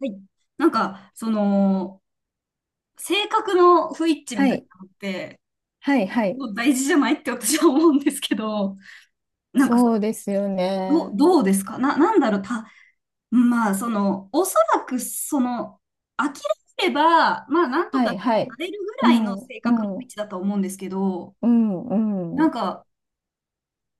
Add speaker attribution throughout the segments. Speaker 1: はい。なんか、その、性格の不一致み
Speaker 2: は
Speaker 1: たい
Speaker 2: い、
Speaker 1: なのって、
Speaker 2: はい、はい。
Speaker 1: もう大事じゃないって私は思うんですけど、なんかそ、
Speaker 2: そうですよ
Speaker 1: どう、
Speaker 2: ね。
Speaker 1: どうですかな、なんだろう、まあ、おそらく、諦めれば、まあ、なんと
Speaker 2: は
Speaker 1: か
Speaker 2: い、
Speaker 1: な
Speaker 2: はい。
Speaker 1: れるぐ
Speaker 2: う
Speaker 1: らいの
Speaker 2: ん、
Speaker 1: 性格の
Speaker 2: う
Speaker 1: 不
Speaker 2: ん、
Speaker 1: 一致だと思うんですけど、
Speaker 2: うん、う
Speaker 1: なん
Speaker 2: ん。
Speaker 1: か、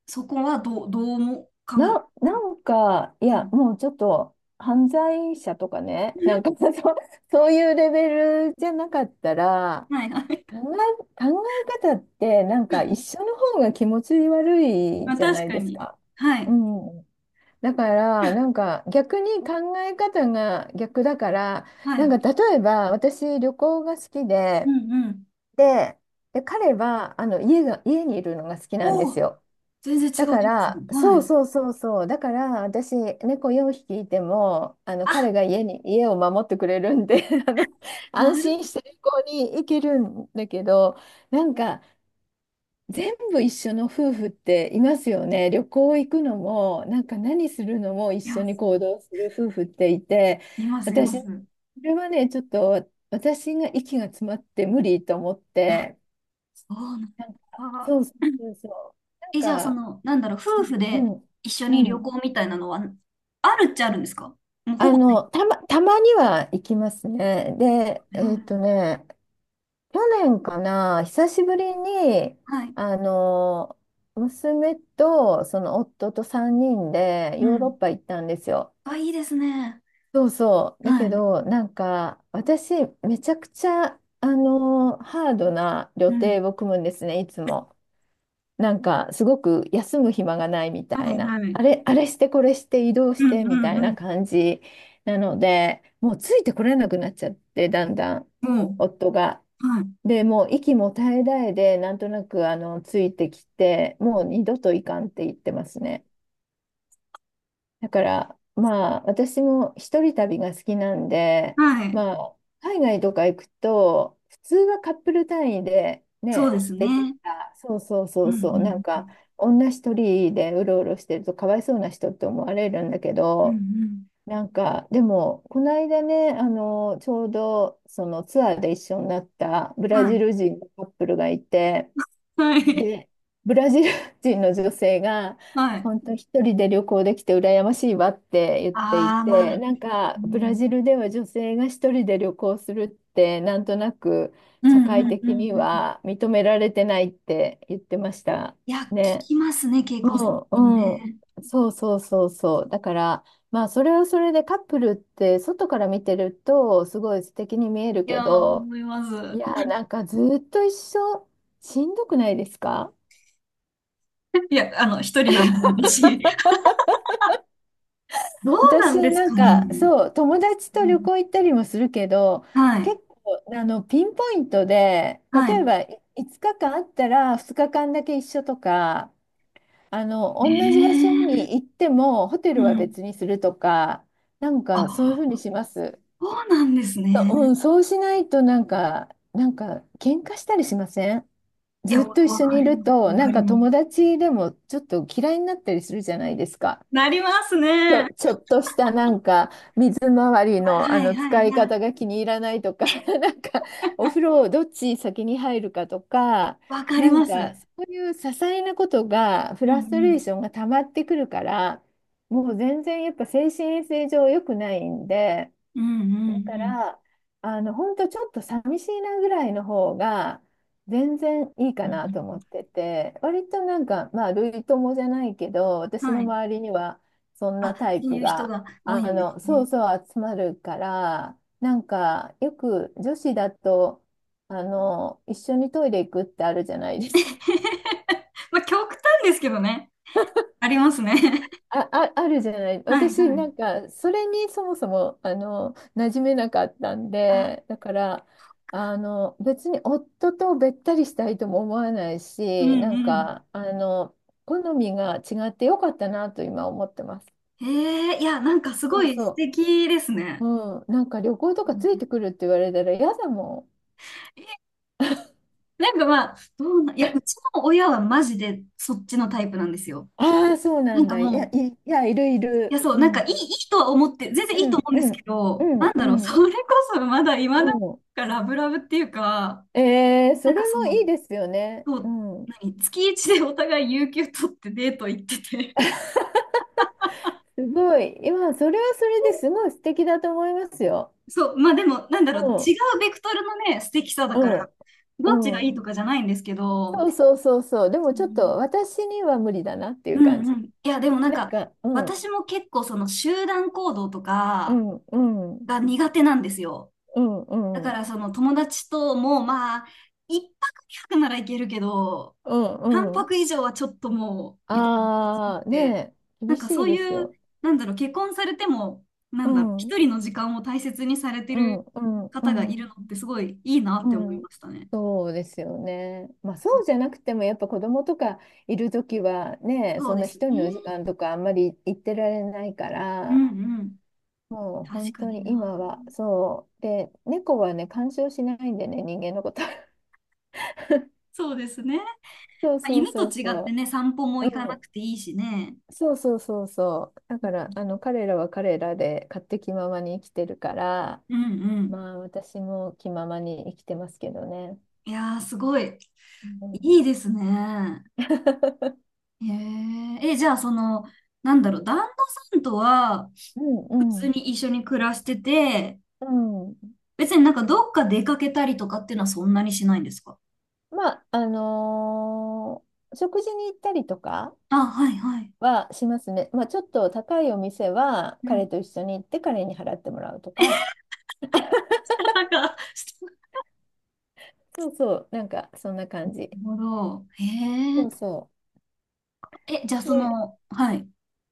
Speaker 1: そこはどうも。
Speaker 2: なんか、い
Speaker 1: う
Speaker 2: や、
Speaker 1: ん、
Speaker 2: もうちょっと、犯罪者とかね、なん か、そう、そういうレベルじゃなかったら、
Speaker 1: はい、はい。
Speaker 2: 考え方って、なんか、一 緒の方が気持ち悪い
Speaker 1: まあ、
Speaker 2: じゃな
Speaker 1: 確
Speaker 2: い
Speaker 1: か
Speaker 2: です
Speaker 1: に。
Speaker 2: か。
Speaker 1: は
Speaker 2: う
Speaker 1: い、
Speaker 2: ん。だから、なんか、逆に考え方が逆だから、
Speaker 1: は
Speaker 2: なん
Speaker 1: い。
Speaker 2: か例えば私旅行が好き
Speaker 1: う
Speaker 2: で
Speaker 1: ん、うん。
Speaker 2: で、で彼は家にいるのが好きなんで
Speaker 1: お
Speaker 2: す
Speaker 1: お、
Speaker 2: よ。
Speaker 1: 全然
Speaker 2: だ
Speaker 1: 違う
Speaker 2: か
Speaker 1: 人
Speaker 2: ら、
Speaker 1: 物。は
Speaker 2: そう
Speaker 1: い。
Speaker 2: そうそうそう、だから私、猫4匹いても、彼が家を守ってくれるんで
Speaker 1: な
Speaker 2: 安
Speaker 1: る、
Speaker 2: 心して旅行に行けるんだけど、なんか全部一緒の夫婦っていますよね。旅行行くのも、なんか何するのも一
Speaker 1: い
Speaker 2: 緒
Speaker 1: や、
Speaker 2: に行動する夫婦っていて、
Speaker 1: います、い
Speaker 2: 私、
Speaker 1: ま
Speaker 2: そ
Speaker 1: す。
Speaker 2: れはね、ちょっと私が息が詰まって無理と思っ
Speaker 1: あ
Speaker 2: て。
Speaker 1: そうなん
Speaker 2: なんか、
Speaker 1: あ、
Speaker 2: そうそうそうそう。なん
Speaker 1: え、じゃあ、そ
Speaker 2: か、
Speaker 1: の、なんだろう、夫婦
Speaker 2: う
Speaker 1: で
Speaker 2: ん、
Speaker 1: 一緒
Speaker 2: う
Speaker 1: に
Speaker 2: ん。う
Speaker 1: 旅
Speaker 2: ん。
Speaker 1: 行みたいなのは、あるっちゃあるんですか？もうほぼない。
Speaker 2: たまには行きますね。で、
Speaker 1: うん、
Speaker 2: 去年かな、久しぶりに、
Speaker 1: はい。
Speaker 2: あの、娘とその夫と3人で
Speaker 1: う
Speaker 2: ヨーロッ
Speaker 1: ん。
Speaker 2: パ行ったんですよ。
Speaker 1: あ、いいですね。
Speaker 2: そうそう。だ
Speaker 1: は
Speaker 2: け
Speaker 1: い。
Speaker 2: ど、なんか、私、めちゃくちゃ、ハードな予
Speaker 1: うん。
Speaker 2: 定を組むんですね、いつも。なんかすごく休む暇がないみた
Speaker 1: は
Speaker 2: い
Speaker 1: い、
Speaker 2: な、
Speaker 1: は
Speaker 2: あ
Speaker 1: い。
Speaker 2: れ、あれしてこれして移動し
Speaker 1: う
Speaker 2: て
Speaker 1: ん、
Speaker 2: み
Speaker 1: う
Speaker 2: た
Speaker 1: ん、
Speaker 2: い
Speaker 1: う
Speaker 2: な
Speaker 1: ん。
Speaker 2: 感じなので、もうついてこれなくなっちゃって、だんだん
Speaker 1: も
Speaker 2: 夫が。
Speaker 1: う、はい。
Speaker 2: で、もう息も絶え絶えで、なんとなくついてきて、もう二度といかんって言ってますね。だから、まあ、私も一人旅が好きなんで、
Speaker 1: はい。
Speaker 2: まあ、海外とか行くと、普通はカップル単位で
Speaker 1: そう
Speaker 2: ね、
Speaker 1: です
Speaker 2: 来て
Speaker 1: ね。
Speaker 2: た、そうそう
Speaker 1: う
Speaker 2: そ
Speaker 1: ん、
Speaker 2: うそう、なん
Speaker 1: うん。
Speaker 2: か、女一人でうろうろしてるとかわいそうな人って思われるんだけ
Speaker 1: うん、う
Speaker 2: ど、
Speaker 1: ん。
Speaker 2: なんか、でも、この間ね、ちょうど、そのツアーで一緒になったブ
Speaker 1: は
Speaker 2: ラジ
Speaker 1: い。
Speaker 2: ル人のカップルがいて、
Speaker 1: はい。
Speaker 2: で、ブラジル人の女性が、
Speaker 1: はい。
Speaker 2: 本当一人で旅行できて羨ましいわって言ってい
Speaker 1: ああ、ま
Speaker 2: て、
Speaker 1: あ。
Speaker 2: なん
Speaker 1: う
Speaker 2: かブラ
Speaker 1: ん、
Speaker 2: ジルでは女性が一人で旅行するって、なんとなく
Speaker 1: う
Speaker 2: 社
Speaker 1: ん、
Speaker 2: 会
Speaker 1: うん、うん。
Speaker 2: 的に
Speaker 1: うん。
Speaker 2: は認められてないって言ってました
Speaker 1: いや、聞
Speaker 2: ね。
Speaker 1: きますね、恵子さ
Speaker 2: う
Speaker 1: んも
Speaker 2: んうん。
Speaker 1: ね。
Speaker 2: そうそうそうそう。だから、まあそれはそれでカップルって外から見てるとすごい素敵に見える
Speaker 1: い
Speaker 2: け
Speaker 1: やー、
Speaker 2: ど、
Speaker 1: 思いま
Speaker 2: い
Speaker 1: す。
Speaker 2: や、なんかずっと一緒しんどくないですか？
Speaker 1: いや、あの、一人なんで、私。どうなんで
Speaker 2: 私
Speaker 1: す
Speaker 2: なん
Speaker 1: か
Speaker 2: か
Speaker 1: ね。
Speaker 2: そう友達
Speaker 1: う
Speaker 2: と旅
Speaker 1: ん、
Speaker 2: 行行ったりもするけど、
Speaker 1: はい。
Speaker 2: 結構ピンポイントで、
Speaker 1: は
Speaker 2: 例え
Speaker 1: い。
Speaker 2: ば5日間あったら2日間だけ一緒とか、同じ場所
Speaker 1: ええ、
Speaker 2: に行ってもホテ
Speaker 1: う
Speaker 2: ルは
Speaker 1: ん。
Speaker 2: 別にするとか、なんかそういう
Speaker 1: あ、
Speaker 2: ふうにします。
Speaker 1: そうなんですね。
Speaker 2: そうしないと、なんか喧嘩したりしません？
Speaker 1: い
Speaker 2: ず
Speaker 1: や、
Speaker 2: っ
Speaker 1: わ
Speaker 2: と一
Speaker 1: わ
Speaker 2: 緒
Speaker 1: か
Speaker 2: にい
Speaker 1: り
Speaker 2: る
Speaker 1: ます。
Speaker 2: と、
Speaker 1: わ
Speaker 2: な
Speaker 1: か
Speaker 2: ん
Speaker 1: り
Speaker 2: か
Speaker 1: ます。
Speaker 2: 友達でもちょっと嫌いになったりするじゃないですか。
Speaker 1: なります
Speaker 2: ち
Speaker 1: ね。わ
Speaker 2: ょ、ちょっとしたなんか水回り
Speaker 1: はい
Speaker 2: の、
Speaker 1: は
Speaker 2: 使
Speaker 1: い
Speaker 2: い
Speaker 1: はい。
Speaker 2: 方が気に入らないとか、 なんかお風呂をどっち先に入るかとか、
Speaker 1: わかり
Speaker 2: なん
Speaker 1: ます。
Speaker 2: かそういう些細なことがフ
Speaker 1: うんう
Speaker 2: ラストレー
Speaker 1: ん。
Speaker 2: ションが溜まってくるから、もう全然やっぱ精神衛生上良くないんで。
Speaker 1: うんうん
Speaker 2: だか
Speaker 1: うん。
Speaker 2: ら、本当ちょっと寂しいなぐらいの方が、全然いい
Speaker 1: う
Speaker 2: かなと思
Speaker 1: ん、
Speaker 2: ってて、割となんか、まあ、類友じゃないけど、私の
Speaker 1: はい。
Speaker 2: 周りには、そんな
Speaker 1: あ、
Speaker 2: タイ
Speaker 1: そう
Speaker 2: プ
Speaker 1: いう人
Speaker 2: が、
Speaker 1: が多いんです
Speaker 2: そう
Speaker 1: ね。
Speaker 2: そう集まるから、なんか、よく女子だと、一緒にトイレ行くってあるじゃないですか。
Speaker 1: まあ、極端ですけどね。ありますね。
Speaker 2: あるじゃない。
Speaker 1: はい
Speaker 2: 私、
Speaker 1: は
Speaker 2: なん
Speaker 1: い。
Speaker 2: か、それにそもそも、馴染めなかったん
Speaker 1: あ、
Speaker 2: で、だから、別に夫とべったりしたいとも思わない
Speaker 1: うん
Speaker 2: し、なん
Speaker 1: うん。
Speaker 2: か、好みが違ってよかったなと今思ってます。
Speaker 1: ええ、いや、なんかすご
Speaker 2: そう
Speaker 1: い素
Speaker 2: そ
Speaker 1: 敵です
Speaker 2: う。
Speaker 1: ね。
Speaker 2: うん。なんか旅行と
Speaker 1: う
Speaker 2: かついて
Speaker 1: ん。
Speaker 2: くるって言われたら嫌だも
Speaker 1: なんかまあ、どうな、いや、うちの親はマジでそっちのタイプなんですよ。
Speaker 2: ん。ああ、そうな
Speaker 1: なん
Speaker 2: ん
Speaker 1: か
Speaker 2: だ。いや、
Speaker 1: もう、
Speaker 2: いや、いるい
Speaker 1: いや、
Speaker 2: る。
Speaker 1: そう、
Speaker 2: う
Speaker 1: なんか
Speaker 2: ん。
Speaker 1: い
Speaker 2: う
Speaker 1: い、いいとは思って、全然いいと思
Speaker 2: ん、
Speaker 1: うんで
Speaker 2: う
Speaker 1: すけ
Speaker 2: ん、う
Speaker 1: ど、なん
Speaker 2: ん、う
Speaker 1: だろう、そ
Speaker 2: ん。
Speaker 1: れこそまだ今
Speaker 2: う
Speaker 1: なん
Speaker 2: ん。
Speaker 1: かラブラブっていうか、な
Speaker 2: そ
Speaker 1: ん
Speaker 2: れ
Speaker 1: かそ
Speaker 2: もい
Speaker 1: の、
Speaker 2: いですよね。
Speaker 1: そ
Speaker 2: う
Speaker 1: う、
Speaker 2: ん。
Speaker 1: 月一でお互い有給取ってデート行ってて、
Speaker 2: すごい。いや、それはそれですごい素敵だと思いますよ。
Speaker 1: そう、まあでも、なんだ
Speaker 2: う
Speaker 1: ろう、
Speaker 2: ん、
Speaker 1: 違うベクトルのね、素敵さだ
Speaker 2: う
Speaker 1: から、
Speaker 2: ん、
Speaker 1: どっちがい
Speaker 2: う
Speaker 1: いと
Speaker 2: ん。
Speaker 1: かじゃないんですけ
Speaker 2: そ
Speaker 1: ど、
Speaker 2: うそうそうそう。で
Speaker 1: う
Speaker 2: もちょっ
Speaker 1: ん
Speaker 2: と私には無理だなってい
Speaker 1: う
Speaker 2: う感
Speaker 1: んう
Speaker 2: じ。
Speaker 1: ん。いや、でもなん
Speaker 2: なん
Speaker 1: か、
Speaker 2: か、うん、
Speaker 1: 私も結構その集団行動と
Speaker 2: う
Speaker 1: か
Speaker 2: ん、うん、うん、
Speaker 1: が苦手なんですよ。
Speaker 2: う
Speaker 1: だか
Speaker 2: ん、
Speaker 1: らその友達ともまあ、一泊二泊ならいけるけど、
Speaker 2: う
Speaker 1: 三
Speaker 2: ん、うん。
Speaker 1: 泊以上はちょっともう、みたいな感じ
Speaker 2: ああ、
Speaker 1: で、
Speaker 2: ねえ、
Speaker 1: な
Speaker 2: 厳
Speaker 1: んか
Speaker 2: し
Speaker 1: そ
Speaker 2: い
Speaker 1: う
Speaker 2: です
Speaker 1: いう、
Speaker 2: よ。
Speaker 1: なんだろう、結婚されても、な
Speaker 2: う
Speaker 1: んだろう、
Speaker 2: ん、うん、
Speaker 1: 一人の時間を大切にされて
Speaker 2: うん、
Speaker 1: る
Speaker 2: う
Speaker 1: 方がいる
Speaker 2: ん、
Speaker 1: のってすごいいいなっ
Speaker 2: う
Speaker 1: て思い
Speaker 2: ん。
Speaker 1: ましたね。
Speaker 2: そうですよね。まあそうじゃなくてもやっぱ子供とかいるときはね、
Speaker 1: そう
Speaker 2: そん
Speaker 1: で
Speaker 2: な
Speaker 1: すね。
Speaker 2: 一人の時間とかあんまり行ってられないか
Speaker 1: う
Speaker 2: ら、
Speaker 1: んうん。
Speaker 2: もう
Speaker 1: 確
Speaker 2: 本
Speaker 1: か
Speaker 2: 当
Speaker 1: に
Speaker 2: に
Speaker 1: な。
Speaker 2: 今はそう。で、猫はね、干渉しないんでね、人間のこと。
Speaker 1: そうですね。
Speaker 2: そうそう
Speaker 1: 犬と
Speaker 2: そう
Speaker 1: 違って
Speaker 2: そ
Speaker 1: ね、散歩も
Speaker 2: う。
Speaker 1: 行か
Speaker 2: う
Speaker 1: なく
Speaker 2: ん。
Speaker 1: ていいしね。
Speaker 2: そうそうそうそう。だから、彼らは彼らで勝手気ままに生きてるから、
Speaker 1: うんうん。
Speaker 2: まあ私も気ままに生きてますけどね。
Speaker 1: いやー、すごい。
Speaker 2: うん、
Speaker 1: いいですね。へえ。え、じゃあ、その、なんだろう、旦那さんとは、
Speaker 2: う
Speaker 1: 普
Speaker 2: ん
Speaker 1: 通
Speaker 2: うん
Speaker 1: に一緒に暮らしてて、
Speaker 2: うん。
Speaker 1: 別になんかどっか出かけたりとかっていうのはそんなにしないんですか？
Speaker 2: まあ食事に行ったりとか
Speaker 1: あ、はいはい。
Speaker 2: はしますね。まあちょっと高いお店は
Speaker 1: う
Speaker 2: 彼
Speaker 1: ん。
Speaker 2: と一緒に行って彼に払ってもらうとか。
Speaker 1: なんか、
Speaker 2: そうそう、なんかそんな感じ。
Speaker 1: なるほど。へ
Speaker 2: そう
Speaker 1: え。
Speaker 2: そ
Speaker 1: え、じゃあ
Speaker 2: う。
Speaker 1: そ
Speaker 2: で、
Speaker 1: の、はい。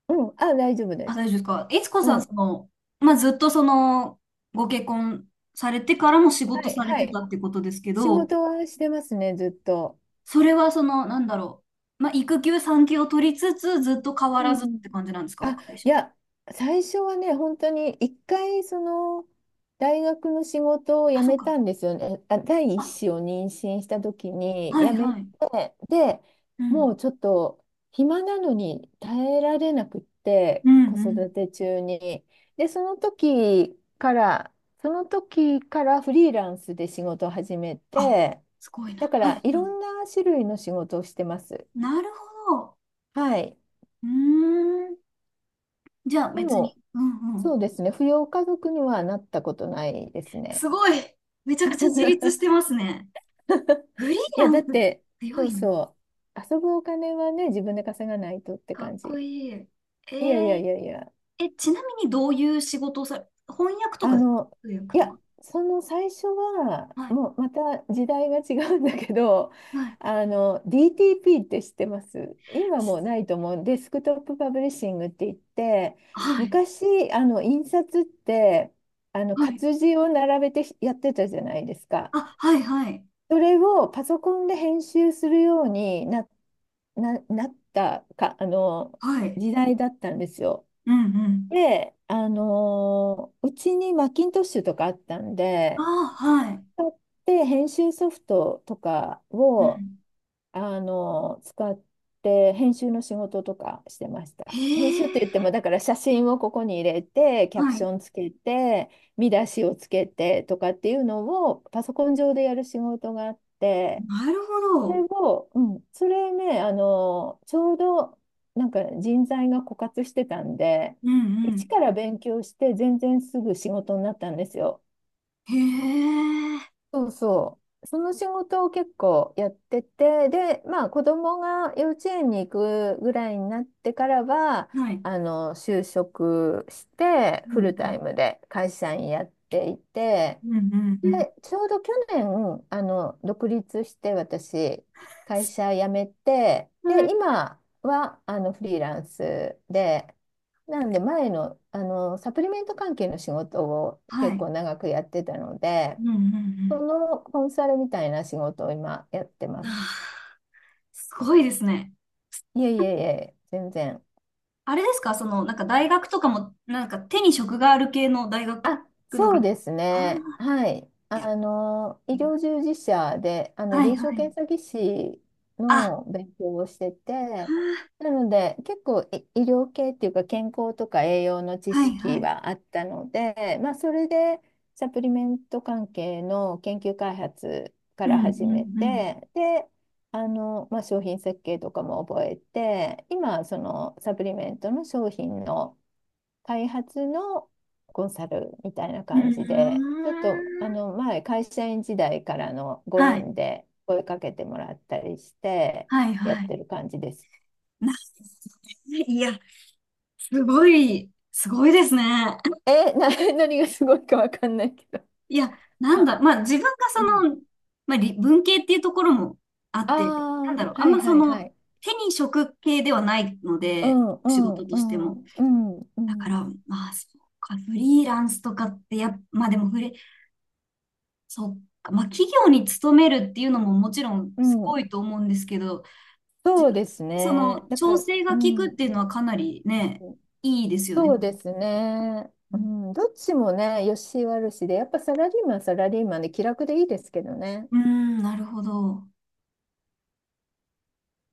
Speaker 2: うん、あ、大丈夫、大
Speaker 1: あ、
Speaker 2: 丈
Speaker 1: 大丈夫ですか。いつこ
Speaker 2: 夫。
Speaker 1: さ
Speaker 2: う
Speaker 1: ん、そ
Speaker 2: ん。
Speaker 1: の、まあ、ずっとその、ご結婚されてからも仕事
Speaker 2: はい、
Speaker 1: され
Speaker 2: は
Speaker 1: てた
Speaker 2: い。
Speaker 1: ってことですけ
Speaker 2: 仕
Speaker 1: ど、
Speaker 2: 事はしてますね、ずっと。
Speaker 1: それはその、なんだろう。まあ、育休、産休を取りつつ、ずっと変
Speaker 2: う
Speaker 1: わらずっ
Speaker 2: ん。
Speaker 1: て感じなんですか、
Speaker 2: あ、
Speaker 1: 会社。
Speaker 2: いや、最初はね、本当に一回、大学の仕事を
Speaker 1: あ、
Speaker 2: 辞
Speaker 1: そう
Speaker 2: め
Speaker 1: か。
Speaker 2: たんですよね。あ、第一
Speaker 1: あ、
Speaker 2: 子を妊娠した時に
Speaker 1: はい
Speaker 2: 辞め
Speaker 1: は
Speaker 2: て、
Speaker 1: い。
Speaker 2: で、
Speaker 1: うん。
Speaker 2: もうちょっと暇なのに耐えられなくって、
Speaker 1: うん、
Speaker 2: 子
Speaker 1: う
Speaker 2: 育
Speaker 1: ん。
Speaker 2: て中に。で、その時からフリーランスで仕事を始め
Speaker 1: あ、
Speaker 2: て、
Speaker 1: すごい
Speaker 2: だ
Speaker 1: な。
Speaker 2: か
Speaker 1: はい、は
Speaker 2: ら
Speaker 1: い。
Speaker 2: いろんな種類の仕事をしてます。
Speaker 1: なるほど。
Speaker 2: はい。
Speaker 1: うーん。じゃあ、
Speaker 2: で
Speaker 1: 別に。
Speaker 2: も
Speaker 1: うんう
Speaker 2: そ
Speaker 1: ん。
Speaker 2: うですね。扶養家族にはなったことないですね。
Speaker 1: すごい。めちゃくちゃ自立して ますね。フリー
Speaker 2: いや、
Speaker 1: ラ
Speaker 2: だっ
Speaker 1: ンス
Speaker 2: て、
Speaker 1: 強
Speaker 2: そう
Speaker 1: いな。
Speaker 2: そう。遊ぶお金はね、自分で稼がないとって
Speaker 1: かっ
Speaker 2: 感
Speaker 1: こ
Speaker 2: じ。
Speaker 1: いい。
Speaker 2: いやいや
Speaker 1: ー、
Speaker 2: いやいや。
Speaker 1: え、ちなみにどういう仕事をさ、翻訳と
Speaker 2: あ
Speaker 1: かですか、
Speaker 2: の、
Speaker 1: 通訳
Speaker 2: い
Speaker 1: と
Speaker 2: や、
Speaker 1: か？
Speaker 2: その最初は、
Speaker 1: はい、
Speaker 2: もうまた時代が違うんだけど、
Speaker 1: はい、
Speaker 2: DTP って知ってます？今もうないと思う。デスクトップパブリッシングって言って、
Speaker 1: はい、
Speaker 2: 昔、印刷って、
Speaker 1: はい。
Speaker 2: 活字を並べてやってたじゃないですか。
Speaker 1: あ、はい、はい、
Speaker 2: それをパソコンで編集するようになったか、
Speaker 1: はい。
Speaker 2: 時代だったんですよ。
Speaker 1: うんうん。
Speaker 2: で、うちにマッキントッシュとかあったん
Speaker 1: あ
Speaker 2: で、
Speaker 1: あ、はい。
Speaker 2: 使って編集ソフトとか
Speaker 1: う
Speaker 2: を、
Speaker 1: ん。
Speaker 2: 使って編集の仕事とかしてまし
Speaker 1: へ
Speaker 2: た。編集って言っても、
Speaker 1: え、
Speaker 2: だから写真をここに入れて、キャプ
Speaker 1: は
Speaker 2: シ
Speaker 1: い。
Speaker 2: ョンつけて、見出しをつけてとかっていうのをパソコン上でやる仕事があって、
Speaker 1: なるほ
Speaker 2: それ
Speaker 1: ど。
Speaker 2: を、うん、それね、ちょうどなんか人材が枯渇してたんで、
Speaker 1: うんう
Speaker 2: 一
Speaker 1: ん。
Speaker 2: から勉強して全然すぐ仕事になったんですよ。
Speaker 1: へえ、
Speaker 2: そうそう。その仕事を結構やってて、で、まあ子供が幼稚園に行くぐらいになってからは、
Speaker 1: はい。
Speaker 2: 就職して
Speaker 1: う
Speaker 2: フ
Speaker 1: ん、
Speaker 2: ルタイ
Speaker 1: あ、
Speaker 2: ムで会社員やっていて、
Speaker 1: うんうん
Speaker 2: で、ちょうど去年、独立して私、会社辞めて、
Speaker 1: うん。は
Speaker 2: で、
Speaker 1: い。
Speaker 2: 今は、フリーランスで、なんで前の、サプリメント関係の仕事を
Speaker 1: は
Speaker 2: 結
Speaker 1: い。
Speaker 2: 構長くやってたので、
Speaker 1: うんう
Speaker 2: そ
Speaker 1: ん
Speaker 2: のコンサルみたいな仕事を今やって
Speaker 1: うん。
Speaker 2: ま
Speaker 1: あ
Speaker 2: す。
Speaker 1: ー、すごいですね。
Speaker 2: いえいえいえ、全然。
Speaker 1: あれですかその、なんか大学とかも、なんか手に職がある系の大学
Speaker 2: あ、
Speaker 1: の
Speaker 2: そう
Speaker 1: 学、あ
Speaker 2: ですね。
Speaker 1: あ、
Speaker 2: はい。
Speaker 1: いや、
Speaker 2: 医療従事者で、
Speaker 1: は
Speaker 2: 臨
Speaker 1: いは
Speaker 2: 床
Speaker 1: い。
Speaker 2: 検査技師
Speaker 1: あ、
Speaker 2: の勉強をしてて、なので、結構医療系っていうか、健康とか栄養の知
Speaker 1: はいは
Speaker 2: 識
Speaker 1: い。
Speaker 2: はあったので、まあ、それで、サプリメント関係の研究開発か
Speaker 1: うん
Speaker 2: ら
Speaker 1: うんう
Speaker 2: 始め
Speaker 1: ん。
Speaker 2: て、で、まあ、商品設計とかも覚えて、今、そのサプリメントの商品の、開発のコンサルみたいな
Speaker 1: う
Speaker 2: 感じで、
Speaker 1: ー
Speaker 2: ちょっと
Speaker 1: ん。
Speaker 2: 前、会社員時代からのご
Speaker 1: はい
Speaker 2: 縁で声かけてもらったりして、
Speaker 1: はい
Speaker 2: やっ
Speaker 1: はい。
Speaker 2: てる感じです。
Speaker 1: な、いや、すごい、すごいですね。
Speaker 2: え、何がすごいかわかんないけど。
Speaker 1: いや、なんだ、
Speaker 2: あ、
Speaker 1: まあ自分が
Speaker 2: う
Speaker 1: そ
Speaker 2: ん。
Speaker 1: の、まあ理文系っていうところもあっ
Speaker 2: あ
Speaker 1: て、なん
Speaker 2: あ、
Speaker 1: だろう、あ
Speaker 2: は
Speaker 1: ん
Speaker 2: い
Speaker 1: まそ
Speaker 2: はいは
Speaker 1: の、
Speaker 2: い。
Speaker 1: 手に職系ではないの
Speaker 2: う
Speaker 1: で、
Speaker 2: んう
Speaker 1: 仕
Speaker 2: ん
Speaker 1: 事と
Speaker 2: う
Speaker 1: しても。
Speaker 2: んうんう
Speaker 1: だか
Speaker 2: ん
Speaker 1: ら、まあ、そうか、フリーランスとかってまあでもそうか、まあ企業に勤めるっていうのももちろん
Speaker 2: う
Speaker 1: す
Speaker 2: ん。
Speaker 1: ごいと思うんですけど、自
Speaker 2: そう
Speaker 1: 分
Speaker 2: です
Speaker 1: そ
Speaker 2: ね。
Speaker 1: の
Speaker 2: だか
Speaker 1: 調
Speaker 2: ら、
Speaker 1: 整
Speaker 2: う
Speaker 1: が効くっ
Speaker 2: ん。
Speaker 1: ていうのはかなりね、いいですよ
Speaker 2: そ
Speaker 1: ね。
Speaker 2: うですね。うん、どっちもね、良し悪しで、やっぱサラリーマンはサラリーマンで気楽でいいですけどね。
Speaker 1: うん、なるほど。